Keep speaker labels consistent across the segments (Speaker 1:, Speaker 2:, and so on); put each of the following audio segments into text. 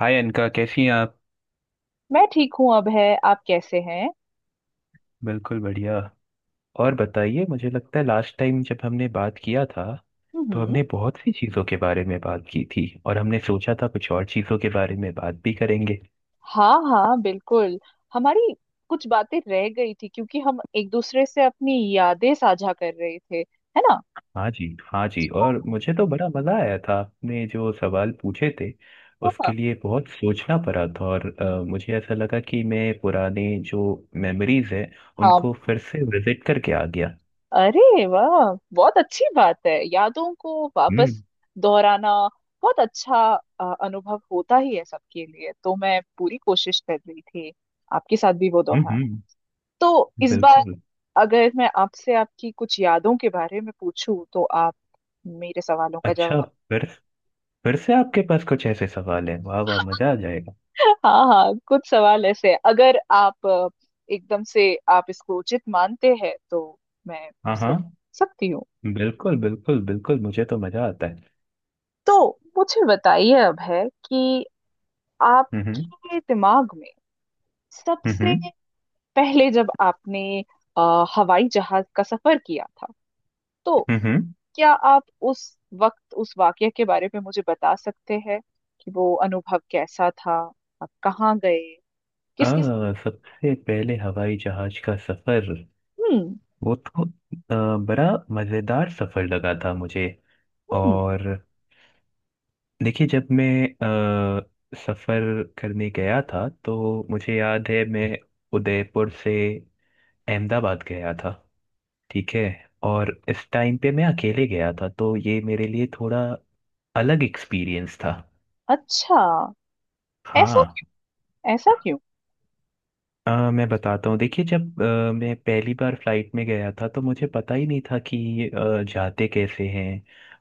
Speaker 1: हाय अनका, कैसी हैं आप।
Speaker 2: मैं ठीक हूँ। अब है, आप कैसे हैं?
Speaker 1: बिल्कुल बढ़िया। और बताइए, मुझे लगता है लास्ट टाइम जब हमने बात किया था तो
Speaker 2: हम्म।
Speaker 1: हमने बहुत सी चीज़ों के बारे में बात की थी और हमने सोचा था कुछ और चीज़ों के बारे में बात भी करेंगे।
Speaker 2: हाँ हाँ, बिल्कुल। हमारी कुछ बातें रह गई थी, क्योंकि हम एक दूसरे से अपनी यादें साझा कर रहे थे, है ना?
Speaker 1: हाँ जी, हाँ जी। और मुझे तो बड़ा मज़ा आया था, आपने जो सवाल पूछे थे
Speaker 2: हाँ
Speaker 1: उसके लिए बहुत सोचना पड़ा था। और मुझे ऐसा लगा कि मैं पुराने जो मेमोरीज हैं
Speaker 2: हाँ।
Speaker 1: उनको फिर से विजिट करके आ गया।
Speaker 2: अरे वाह, बहुत अच्छी बात है यादों को वापस
Speaker 1: हम्म
Speaker 2: दोहराना। बहुत अच्छा अनुभव होता ही है सबके लिए, तो मैं पूरी कोशिश कर रही थी आपके साथ भी वो
Speaker 1: हम्म
Speaker 2: दोहराना।
Speaker 1: हम्म,
Speaker 2: तो इस बार
Speaker 1: बिल्कुल।
Speaker 2: अगर मैं आपसे आपकी कुछ यादों के बारे में पूछूं, तो आप मेरे सवालों का
Speaker 1: अच्छा।
Speaker 2: जवाब,
Speaker 1: फिर फिर से आपके पास कुछ ऐसे सवाल हैं। वाह वाह, मजा आ जाएगा।
Speaker 2: हाँ हाँ, कुछ सवाल ऐसे हैं। अगर आप एकदम से आप इसको उचित मानते हैं, तो मैं
Speaker 1: हाँ हाँ,
Speaker 2: सब सकती हूँ।
Speaker 1: बिल्कुल बिल्कुल बिल्कुल, मुझे तो मजा आता है।
Speaker 2: तो मुझे बताइए अब है कि
Speaker 1: हम्म
Speaker 2: आपके दिमाग में सबसे
Speaker 1: हम्म
Speaker 2: पहले जब आपने हवाई जहाज का सफर किया था, तो
Speaker 1: हम्म।
Speaker 2: क्या आप उस वक्त उस वाकये के बारे में मुझे बता सकते हैं कि वो अनुभव कैसा था? आप कहाँ गए, किस किस?
Speaker 1: हाँ, सबसे पहले हवाई जहाज का सफर
Speaker 2: हम्म
Speaker 1: वो तो बड़ा मजेदार सफर लगा था मुझे।
Speaker 2: हम्म।
Speaker 1: और देखिए, जब मैं सफर करने गया था तो मुझे याद है मैं उदयपुर से अहमदाबाद गया था। ठीक है। और इस टाइम पे मैं अकेले गया था तो ये मेरे लिए थोड़ा अलग एक्सपीरियंस था।
Speaker 2: अच्छा, ऐसा
Speaker 1: हाँ,
Speaker 2: क्यों, ऐसा क्यों?
Speaker 1: मैं बताता हूँ। देखिए, जब मैं पहली बार फ्लाइट में गया था तो मुझे पता ही नहीं था कि जाते कैसे हैं,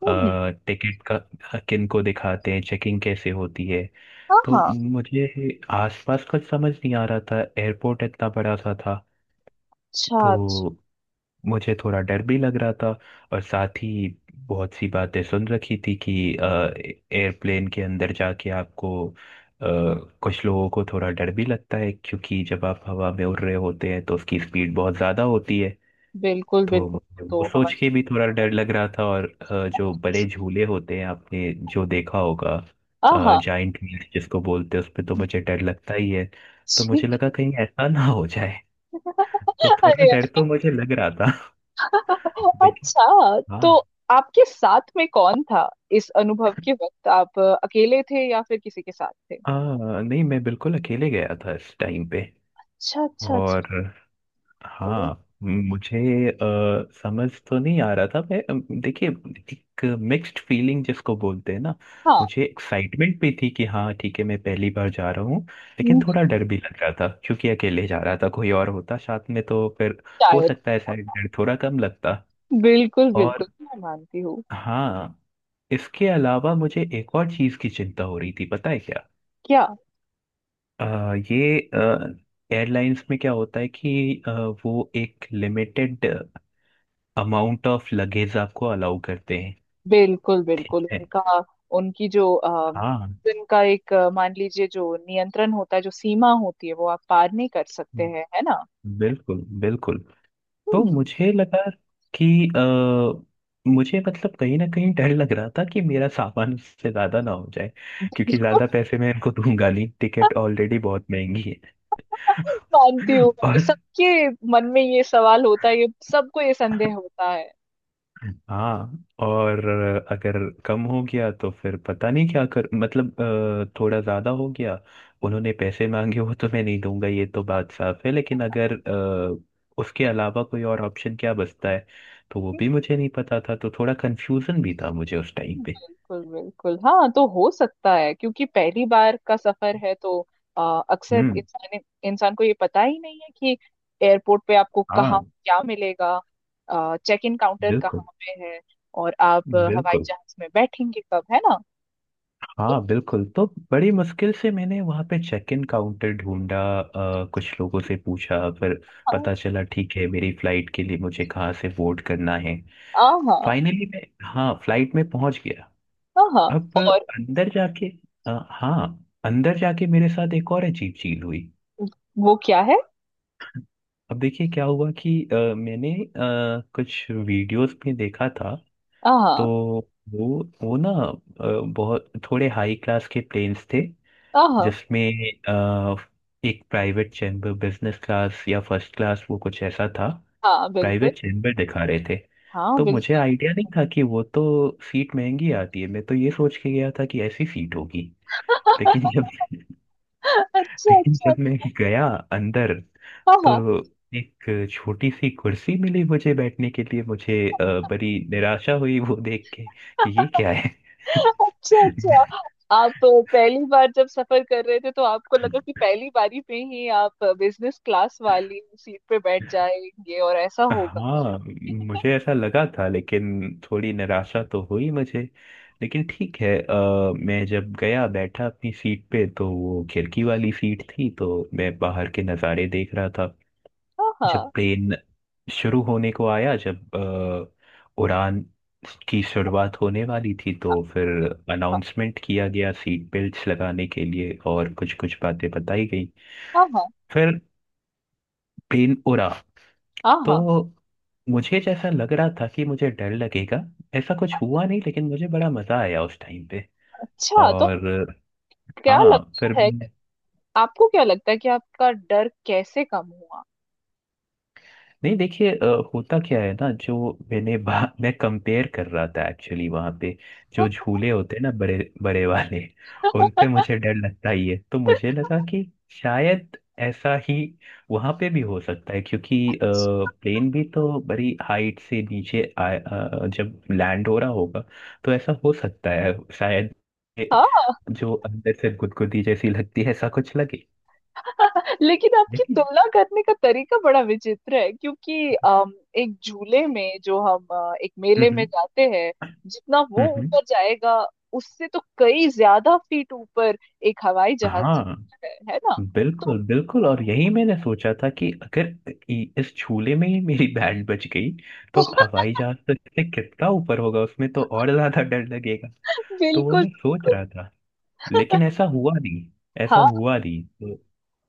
Speaker 2: हम्म।
Speaker 1: टिकट का किन को दिखाते हैं, चेकिंग कैसे होती है।
Speaker 2: हाँ
Speaker 1: तो
Speaker 2: हाँ।
Speaker 1: मुझे आसपास कुछ समझ नहीं आ रहा था, एयरपोर्ट इतना बड़ा सा था।
Speaker 2: अच्छा अच्छा।
Speaker 1: तो मुझे थोड़ा डर भी लग रहा था, और साथ ही बहुत सी बातें सुन रखी थी कि एयरप्लेन के अंदर जाके आपको, कुछ लोगों को थोड़ा डर भी लगता है क्योंकि जब आप हवा में उड़ रहे होते हैं तो उसकी स्पीड बहुत ज़्यादा होती है।
Speaker 2: बिल्कुल
Speaker 1: तो
Speaker 2: बिल्कुल।
Speaker 1: मुझे
Speaker 2: तो
Speaker 1: वो सोच
Speaker 2: हवाई
Speaker 1: के भी थोड़ा डर लग रहा था। और जो
Speaker 2: जहाज,
Speaker 1: बड़े झूले होते हैं, आपने जो देखा होगा,
Speaker 2: आहा।
Speaker 1: जाइंट व्हील्स जिसको बोलते हैं, उस पे तो मुझे डर लगता ही है। तो
Speaker 2: जी।
Speaker 1: मुझे लगा कहीं ऐसा ना हो जाए। तो थोड़ा
Speaker 2: अरे
Speaker 1: डर तो मुझे लग रहा था। लेकिन
Speaker 2: अच्छा,
Speaker 1: हाँ।
Speaker 2: तो आपके साथ में कौन था? इस अनुभव के वक्त आप अकेले थे या फिर किसी के साथ थे?
Speaker 1: हाँ नहीं, मैं बिल्कुल अकेले गया था इस टाइम पे।
Speaker 2: अच्छा अच्छा अच्छा।
Speaker 1: और
Speaker 2: ओ,
Speaker 1: हाँ, मुझे समझ तो नहीं आ रहा था। मैं, देखिए, एक मिक्स्ड फीलिंग जिसको बोलते हैं ना।
Speaker 2: हाँ।
Speaker 1: मुझे एक्साइटमेंट भी थी कि हाँ ठीक है, मैं पहली बार जा रहा हूँ। लेकिन
Speaker 2: हम्म,
Speaker 1: थोड़ा डर भी लग रहा था क्योंकि अकेले जा रहा था, कोई और होता साथ में तो फिर हो
Speaker 2: शायद।
Speaker 1: सकता है शायद डर थोड़ा कम लगता।
Speaker 2: बिल्कुल बिल्कुल,
Speaker 1: और
Speaker 2: मैं मानती हूँ।
Speaker 1: हाँ, इसके अलावा मुझे एक और चीज़ की चिंता हो रही थी, पता है क्या।
Speaker 2: क्या?
Speaker 1: अ, ये एयरलाइंस में क्या होता है कि वो एक लिमिटेड अमाउंट ऑफ लगेज आपको अलाउ करते हैं।
Speaker 2: बिल्कुल
Speaker 1: ठीक
Speaker 2: बिल्कुल,
Speaker 1: है।
Speaker 2: उनका, उनकी जो
Speaker 1: हाँ
Speaker 2: उनका एक, मान लीजिए जो नियंत्रण होता है, जो सीमा होती है, वो आप पार नहीं कर सकते हैं, है ना?
Speaker 1: बिल्कुल बिल्कुल। तो
Speaker 2: हम्म,
Speaker 1: मुझे लगा कि अ, मुझे, मतलब, कहीं ना कहीं डर लग रहा था कि मेरा सामान उससे ज्यादा ना हो जाए, क्योंकि
Speaker 2: बिल्कुल।
Speaker 1: ज्यादा पैसे मैं इनको दूंगा नहीं, टिकट ऑलरेडी बहुत महंगी
Speaker 2: मानती
Speaker 1: है।
Speaker 2: हूँ मैं।
Speaker 1: और
Speaker 2: सबके मन में ये सवाल होता है, ये सबको ये संदेह होता है।
Speaker 1: हाँ, और अगर कम हो गया तो फिर पता नहीं क्या कर, मतलब थोड़ा ज़्यादा हो गया, उन्होंने पैसे मांगे, वो तो मैं नहीं दूंगा, ये तो बात साफ है। लेकिन अगर उसके अलावा कोई और ऑप्शन क्या बचता है, तो वो भी मुझे नहीं पता था, तो थोड़ा कंफ्यूजन भी था मुझे उस टाइम पे।
Speaker 2: बिल्कुल बिल्कुल, हाँ, तो हो सकता है क्योंकि पहली बार का सफर है, तो अक्सर
Speaker 1: हम्म,
Speaker 2: इंसान इंसान को ये पता ही नहीं है कि एयरपोर्ट पे आपको
Speaker 1: हाँ
Speaker 2: कहाँ क्या मिलेगा, चेक इन काउंटर
Speaker 1: बिल्कुल
Speaker 2: कहाँ पे है, और आप हवाई
Speaker 1: बिल्कुल,
Speaker 2: जहाज में बैठेंगे कब, है ना? तो
Speaker 1: हाँ बिल्कुल। तो बड़ी मुश्किल से मैंने वहाँ पे चेक इन काउंटर ढूंढा, कुछ लोगों से पूछा, फिर
Speaker 2: हाँ
Speaker 1: पता चला ठीक है मेरी फ्लाइट के लिए मुझे कहाँ से बोर्ड करना है।
Speaker 2: हाँ
Speaker 1: फाइनली मैं, हाँ, फ्लाइट में पहुँच गया।
Speaker 2: हाँ हाँ।
Speaker 1: अब
Speaker 2: और
Speaker 1: अंदर जाके, हाँ, अंदर जाके मेरे साथ एक और अजीब चीज़ हुई।
Speaker 2: वो क्या है?
Speaker 1: अब देखिए क्या हुआ कि मैंने कुछ वीडियोस में देखा था।
Speaker 2: हाँ
Speaker 1: तो
Speaker 2: हाँ
Speaker 1: वो वो ना, बहुत थोड़े हाई क्लास के प्लेन्स थे,
Speaker 2: हाँ हाँ,
Speaker 1: जिसमें अ, एक प्राइवेट चैम्बर, बिजनेस क्लास या फर्स्ट क्लास, वो कुछ ऐसा था,
Speaker 2: हाँ, बिल्कुल।
Speaker 1: प्राइवेट चैम्बर दिखा रहे थे।
Speaker 2: हाँ
Speaker 1: तो मुझे
Speaker 2: बिल्कुल।
Speaker 1: आइडिया नहीं था कि वो तो सीट महंगी आती है, मैं तो ये सोच के गया था कि ऐसी सीट होगी। लेकिन जब
Speaker 2: अच्छा
Speaker 1: लेकिन
Speaker 2: अच्छा।
Speaker 1: जब मैं गया अंदर, तो
Speaker 2: हाँ
Speaker 1: एक छोटी सी कुर्सी मिली मुझे बैठने के लिए। मुझे बड़ी निराशा हुई वो देख के,
Speaker 2: हाँ।
Speaker 1: कि ये क्या है।
Speaker 2: अच्छा अच्छा, आप पहली बार जब सफर कर रहे थे, तो आपको लगा कि पहली बारी में ही आप बिजनेस क्लास वाली सीट पे बैठ जाएंगे और ऐसा होगा?
Speaker 1: हाँ, मुझे ऐसा लगा था, लेकिन थोड़ी निराशा तो हुई मुझे। लेकिन ठीक है, मैं जब गया बैठा अपनी सीट पे, तो वो खिड़की वाली सीट थी, तो मैं बाहर के नज़ारे देख रहा था।
Speaker 2: हाँ
Speaker 1: जब
Speaker 2: हाँ
Speaker 1: प्लेन शुरू होने को आया, जब उड़ान की शुरुआत होने वाली थी, तो फिर
Speaker 2: हाँ
Speaker 1: अनाउंसमेंट किया गया सीट बेल्ट्स लगाने के लिए, और कुछ कुछ बातें बताई गई।
Speaker 2: हाँ हाँ
Speaker 1: फिर प्लेन उड़ा।
Speaker 2: हाँ
Speaker 1: तो
Speaker 2: हाँ।
Speaker 1: मुझे जैसा लग रहा था कि मुझे डर लगेगा, ऐसा कुछ हुआ नहीं, लेकिन मुझे बड़ा मजा आया उस टाइम पे।
Speaker 2: अच्छा, तो
Speaker 1: और
Speaker 2: क्या
Speaker 1: हाँ,
Speaker 2: लगता
Speaker 1: फिर,
Speaker 2: है आपको, क्या लगता है कि आपका डर कैसे कम हुआ?
Speaker 1: नहीं, देखिए, होता क्या है ना, मैं कंपेयर कर रहा था एक्चुअली वहां पे। जो झूले होते हैं ना, बड़े बड़े वाले, उन पे मुझे डर लगता ही है। तो मुझे लगा कि शायद ऐसा ही वहां पे भी हो सकता है, क्योंकि प्लेन भी तो बड़ी हाइट से नीचे जब लैंड हो रहा होगा तो ऐसा हो सकता है, शायद ये
Speaker 2: हाँ,
Speaker 1: जो अंदर से गुदगुदी जैसी लगती है, ऐसा कुछ लगे।
Speaker 2: लेकिन आपकी
Speaker 1: लेकिन
Speaker 2: तुलना करने का तरीका बड़ा विचित्र है, क्योंकि एक झूले में जो हम एक
Speaker 1: हम्म
Speaker 2: मेले में
Speaker 1: हम्म
Speaker 2: जाते हैं, जितना
Speaker 1: हम्म,
Speaker 2: वो
Speaker 1: हम्म,
Speaker 2: ऊपर जाएगा, उससे तो कई ज्यादा फीट ऊपर एक हवाई जहाज
Speaker 1: हाँ
Speaker 2: जाता है ना? तो
Speaker 1: बिल्कुल बिल्कुल। और यही मैंने सोचा था कि अगर इस झूले में ही मेरी बैंड बच गई, तो हवाई जहाज तक से कितना ऊपर होगा, उसमें तो और ज्यादा डर लगेगा। तो वो
Speaker 2: बिल्कुल बिल्कुल।
Speaker 1: मैं सोच रहा था, लेकिन ऐसा हुआ नहीं। ऐसा
Speaker 2: हाँ
Speaker 1: हुआ नहीं, तो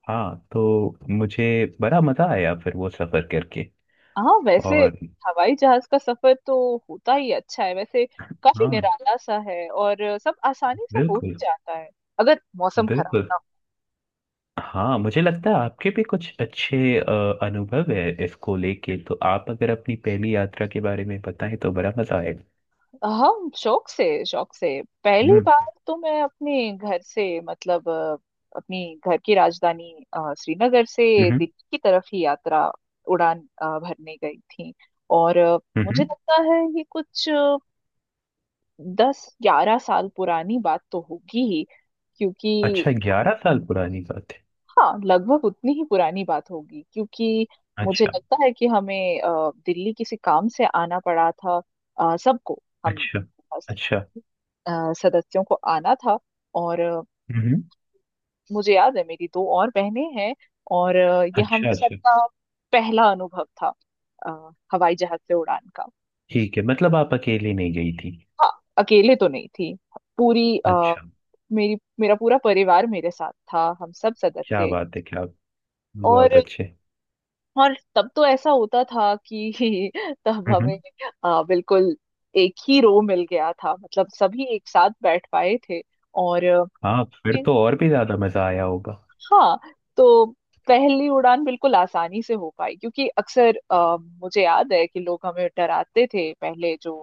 Speaker 1: हाँ, तो मुझे बड़ा मजा आया फिर वो सफर करके।
Speaker 2: हाँ, वैसे
Speaker 1: और
Speaker 2: हवाई जहाज का सफर तो होता ही अच्छा है वैसे, काफी
Speaker 1: हाँ
Speaker 2: निराला सा है और सब आसानी से हो ही
Speaker 1: बिल्कुल
Speaker 2: जाता है, अगर मौसम खराब
Speaker 1: बिल्कुल।
Speaker 2: ना हो।
Speaker 1: हाँ मुझे लगता है आपके भी कुछ अच्छे अनुभव है इसको लेके, तो आप अगर अपनी पहली यात्रा के बारे में बताएं तो बड़ा मजा आएगा।
Speaker 2: हाँ, शौक से, शौक से। पहली
Speaker 1: हम्म
Speaker 2: बार तो मैं अपने घर से, मतलब अपनी घर की राजधानी श्रीनगर से
Speaker 1: हम्म
Speaker 2: दिल्ली की तरफ ही यात्रा, उड़ान भरने गई थी। और मुझे
Speaker 1: हम्म।
Speaker 2: लगता है ये कुछ 10-11 साल पुरानी बात तो होगी ही, क्योंकि,
Speaker 1: अच्छा, 11 साल पुरानी बात है।
Speaker 2: हाँ लगभग उतनी ही पुरानी बात होगी, क्योंकि मुझे
Speaker 1: अच्छा
Speaker 2: लगता है कि हमें दिल्ली किसी काम से आना पड़ा था। सबको, हम
Speaker 1: अच्छा
Speaker 2: बस,
Speaker 1: अच्छा।
Speaker 2: सदस्यों को आना था, और
Speaker 1: हम्म।
Speaker 2: मुझे याद है मेरी दो और बहनें हैं, और ये हम
Speaker 1: अच्छा अच्छा।
Speaker 2: सबका पहला अनुभव था हवाई जहाज से उड़ान का।
Speaker 1: ठीक है, मतलब आप अकेली नहीं गई थी।
Speaker 2: हाँ, अकेले तो नहीं थी, पूरी
Speaker 1: अच्छा,
Speaker 2: मेरी मेरा पूरा परिवार मेरे साथ था, हम सब
Speaker 1: क्या
Speaker 2: सदस्य।
Speaker 1: बात है क्या।
Speaker 2: और
Speaker 1: बहुत अच्छे।
Speaker 2: और तब तो ऐसा होता था कि तब
Speaker 1: हम्म।
Speaker 2: हमें बिल्कुल एक ही रो मिल गया था, मतलब सभी एक साथ बैठ पाए थे। और
Speaker 1: हाँ, फिर तो और भी ज्यादा मजा आया होगा।
Speaker 2: हाँ, तो पहली उड़ान बिल्कुल आसानी से हो पाई, क्योंकि अक्सर मुझे याद है कि लोग हमें डराते थे पहले, जो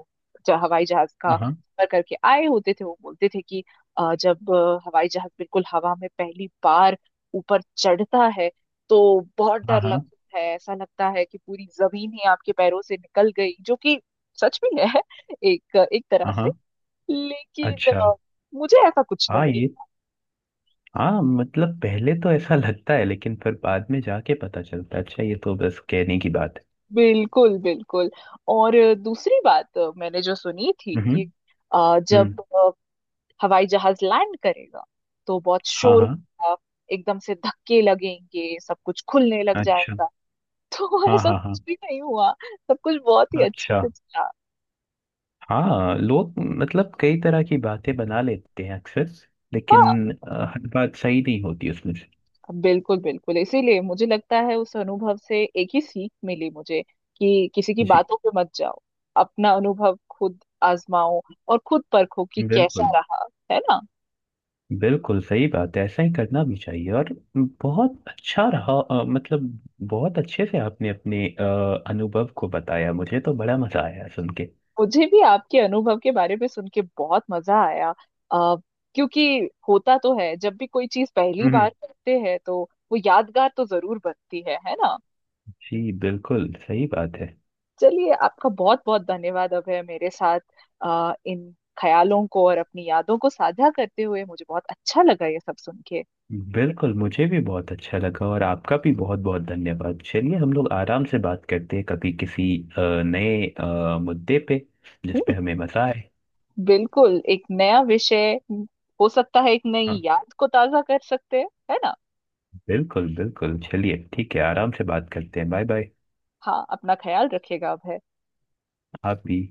Speaker 2: जो हवाई जहाज का
Speaker 1: हाँ
Speaker 2: सफर करके आए होते थे वो बोलते थे कि जब हवाई जहाज बिल्कुल हवा में पहली बार ऊपर चढ़ता है, तो बहुत
Speaker 1: हाँ
Speaker 2: डर
Speaker 1: हाँ।
Speaker 2: लगता है, ऐसा लगता है कि पूरी जमीन ही आपके पैरों से निकल गई, जो कि सच भी है, एक एक तरह से।
Speaker 1: हाँ
Speaker 2: लेकिन
Speaker 1: अच्छा।
Speaker 2: मुझे ऐसा कुछ
Speaker 1: हाँ,
Speaker 2: नहीं।
Speaker 1: ये, हाँ, मतलब पहले तो ऐसा लगता है, लेकिन फिर बाद में जाके पता चलता है अच्छा ये तो बस कहने की बात है।
Speaker 2: बिल्कुल बिल्कुल। और दूसरी बात मैंने जो सुनी थी
Speaker 1: हम्म
Speaker 2: कि
Speaker 1: हम्म।
Speaker 2: जब हवाई जहाज लैंड करेगा, तो बहुत
Speaker 1: हाँ
Speaker 2: शोर
Speaker 1: हाँ।
Speaker 2: होगा, एकदम से धक्के लगेंगे, सब कुछ खुलने लग
Speaker 1: अच्छा।
Speaker 2: जाएगा, तो
Speaker 1: हाँ
Speaker 2: ऐसा
Speaker 1: हाँ हाँ।
Speaker 2: कुछ भी नहीं हुआ, सब कुछ बहुत ही अच्छे
Speaker 1: अच्छा।
Speaker 2: से चला।
Speaker 1: हाँ लोग, मतलब, कई तरह की बातें बना लेते हैं अक्सर,
Speaker 2: हाँ,
Speaker 1: लेकिन हर बात सही नहीं होती उसमें से।
Speaker 2: बिल्कुल बिल्कुल, इसीलिए मुझे लगता है उस अनुभव से एक ही सीख मिली मुझे कि किसी की
Speaker 1: जी।
Speaker 2: बातों पे मत जाओ, अपना अनुभव खुद आजमाओ, और खुद परखो कि कैसा
Speaker 1: बिल्कुल,
Speaker 2: रहा, है ना?
Speaker 1: बिल्कुल सही बात है, ऐसा ही करना भी चाहिए। और बहुत अच्छा रहा, मतलब बहुत अच्छे से आपने अपने अनुभव को बताया, मुझे तो बड़ा मजा आया सुन के।
Speaker 2: मुझे भी आपके अनुभव के बारे में सुन के बहुत मजा आया, आ, क्योंकि होता तो है, जब भी कोई चीज पहली बार
Speaker 1: हम्म।
Speaker 2: करते हैं, तो वो यादगार तो जरूर बनती है ना?
Speaker 1: जी, बिल्कुल सही बात है।
Speaker 2: चलिए, आपका बहुत बहुत धन्यवाद अभय, मेरे साथ इन ख्यालों को और अपनी यादों को साझा करते हुए मुझे बहुत अच्छा लगा ये सब सुन के।
Speaker 1: बिल्कुल, मुझे भी बहुत अच्छा लगा, और आपका भी बहुत बहुत धन्यवाद। चलिए हम लोग आराम से बात करते हैं कभी किसी नए मुद्दे पे जिस पे
Speaker 2: हम्म,
Speaker 1: हमें मजा आए।
Speaker 2: बिल्कुल, एक नया विषय। हो सकता है एक नई
Speaker 1: हाँ
Speaker 2: याद को ताजा कर सकते हैं, है ना?
Speaker 1: बिल्कुल बिल्कुल। चलिए ठीक है, आराम से बात करते हैं। Bye bye.
Speaker 2: हाँ, अपना ख्याल रखिएगा अभय।
Speaker 1: आप भी।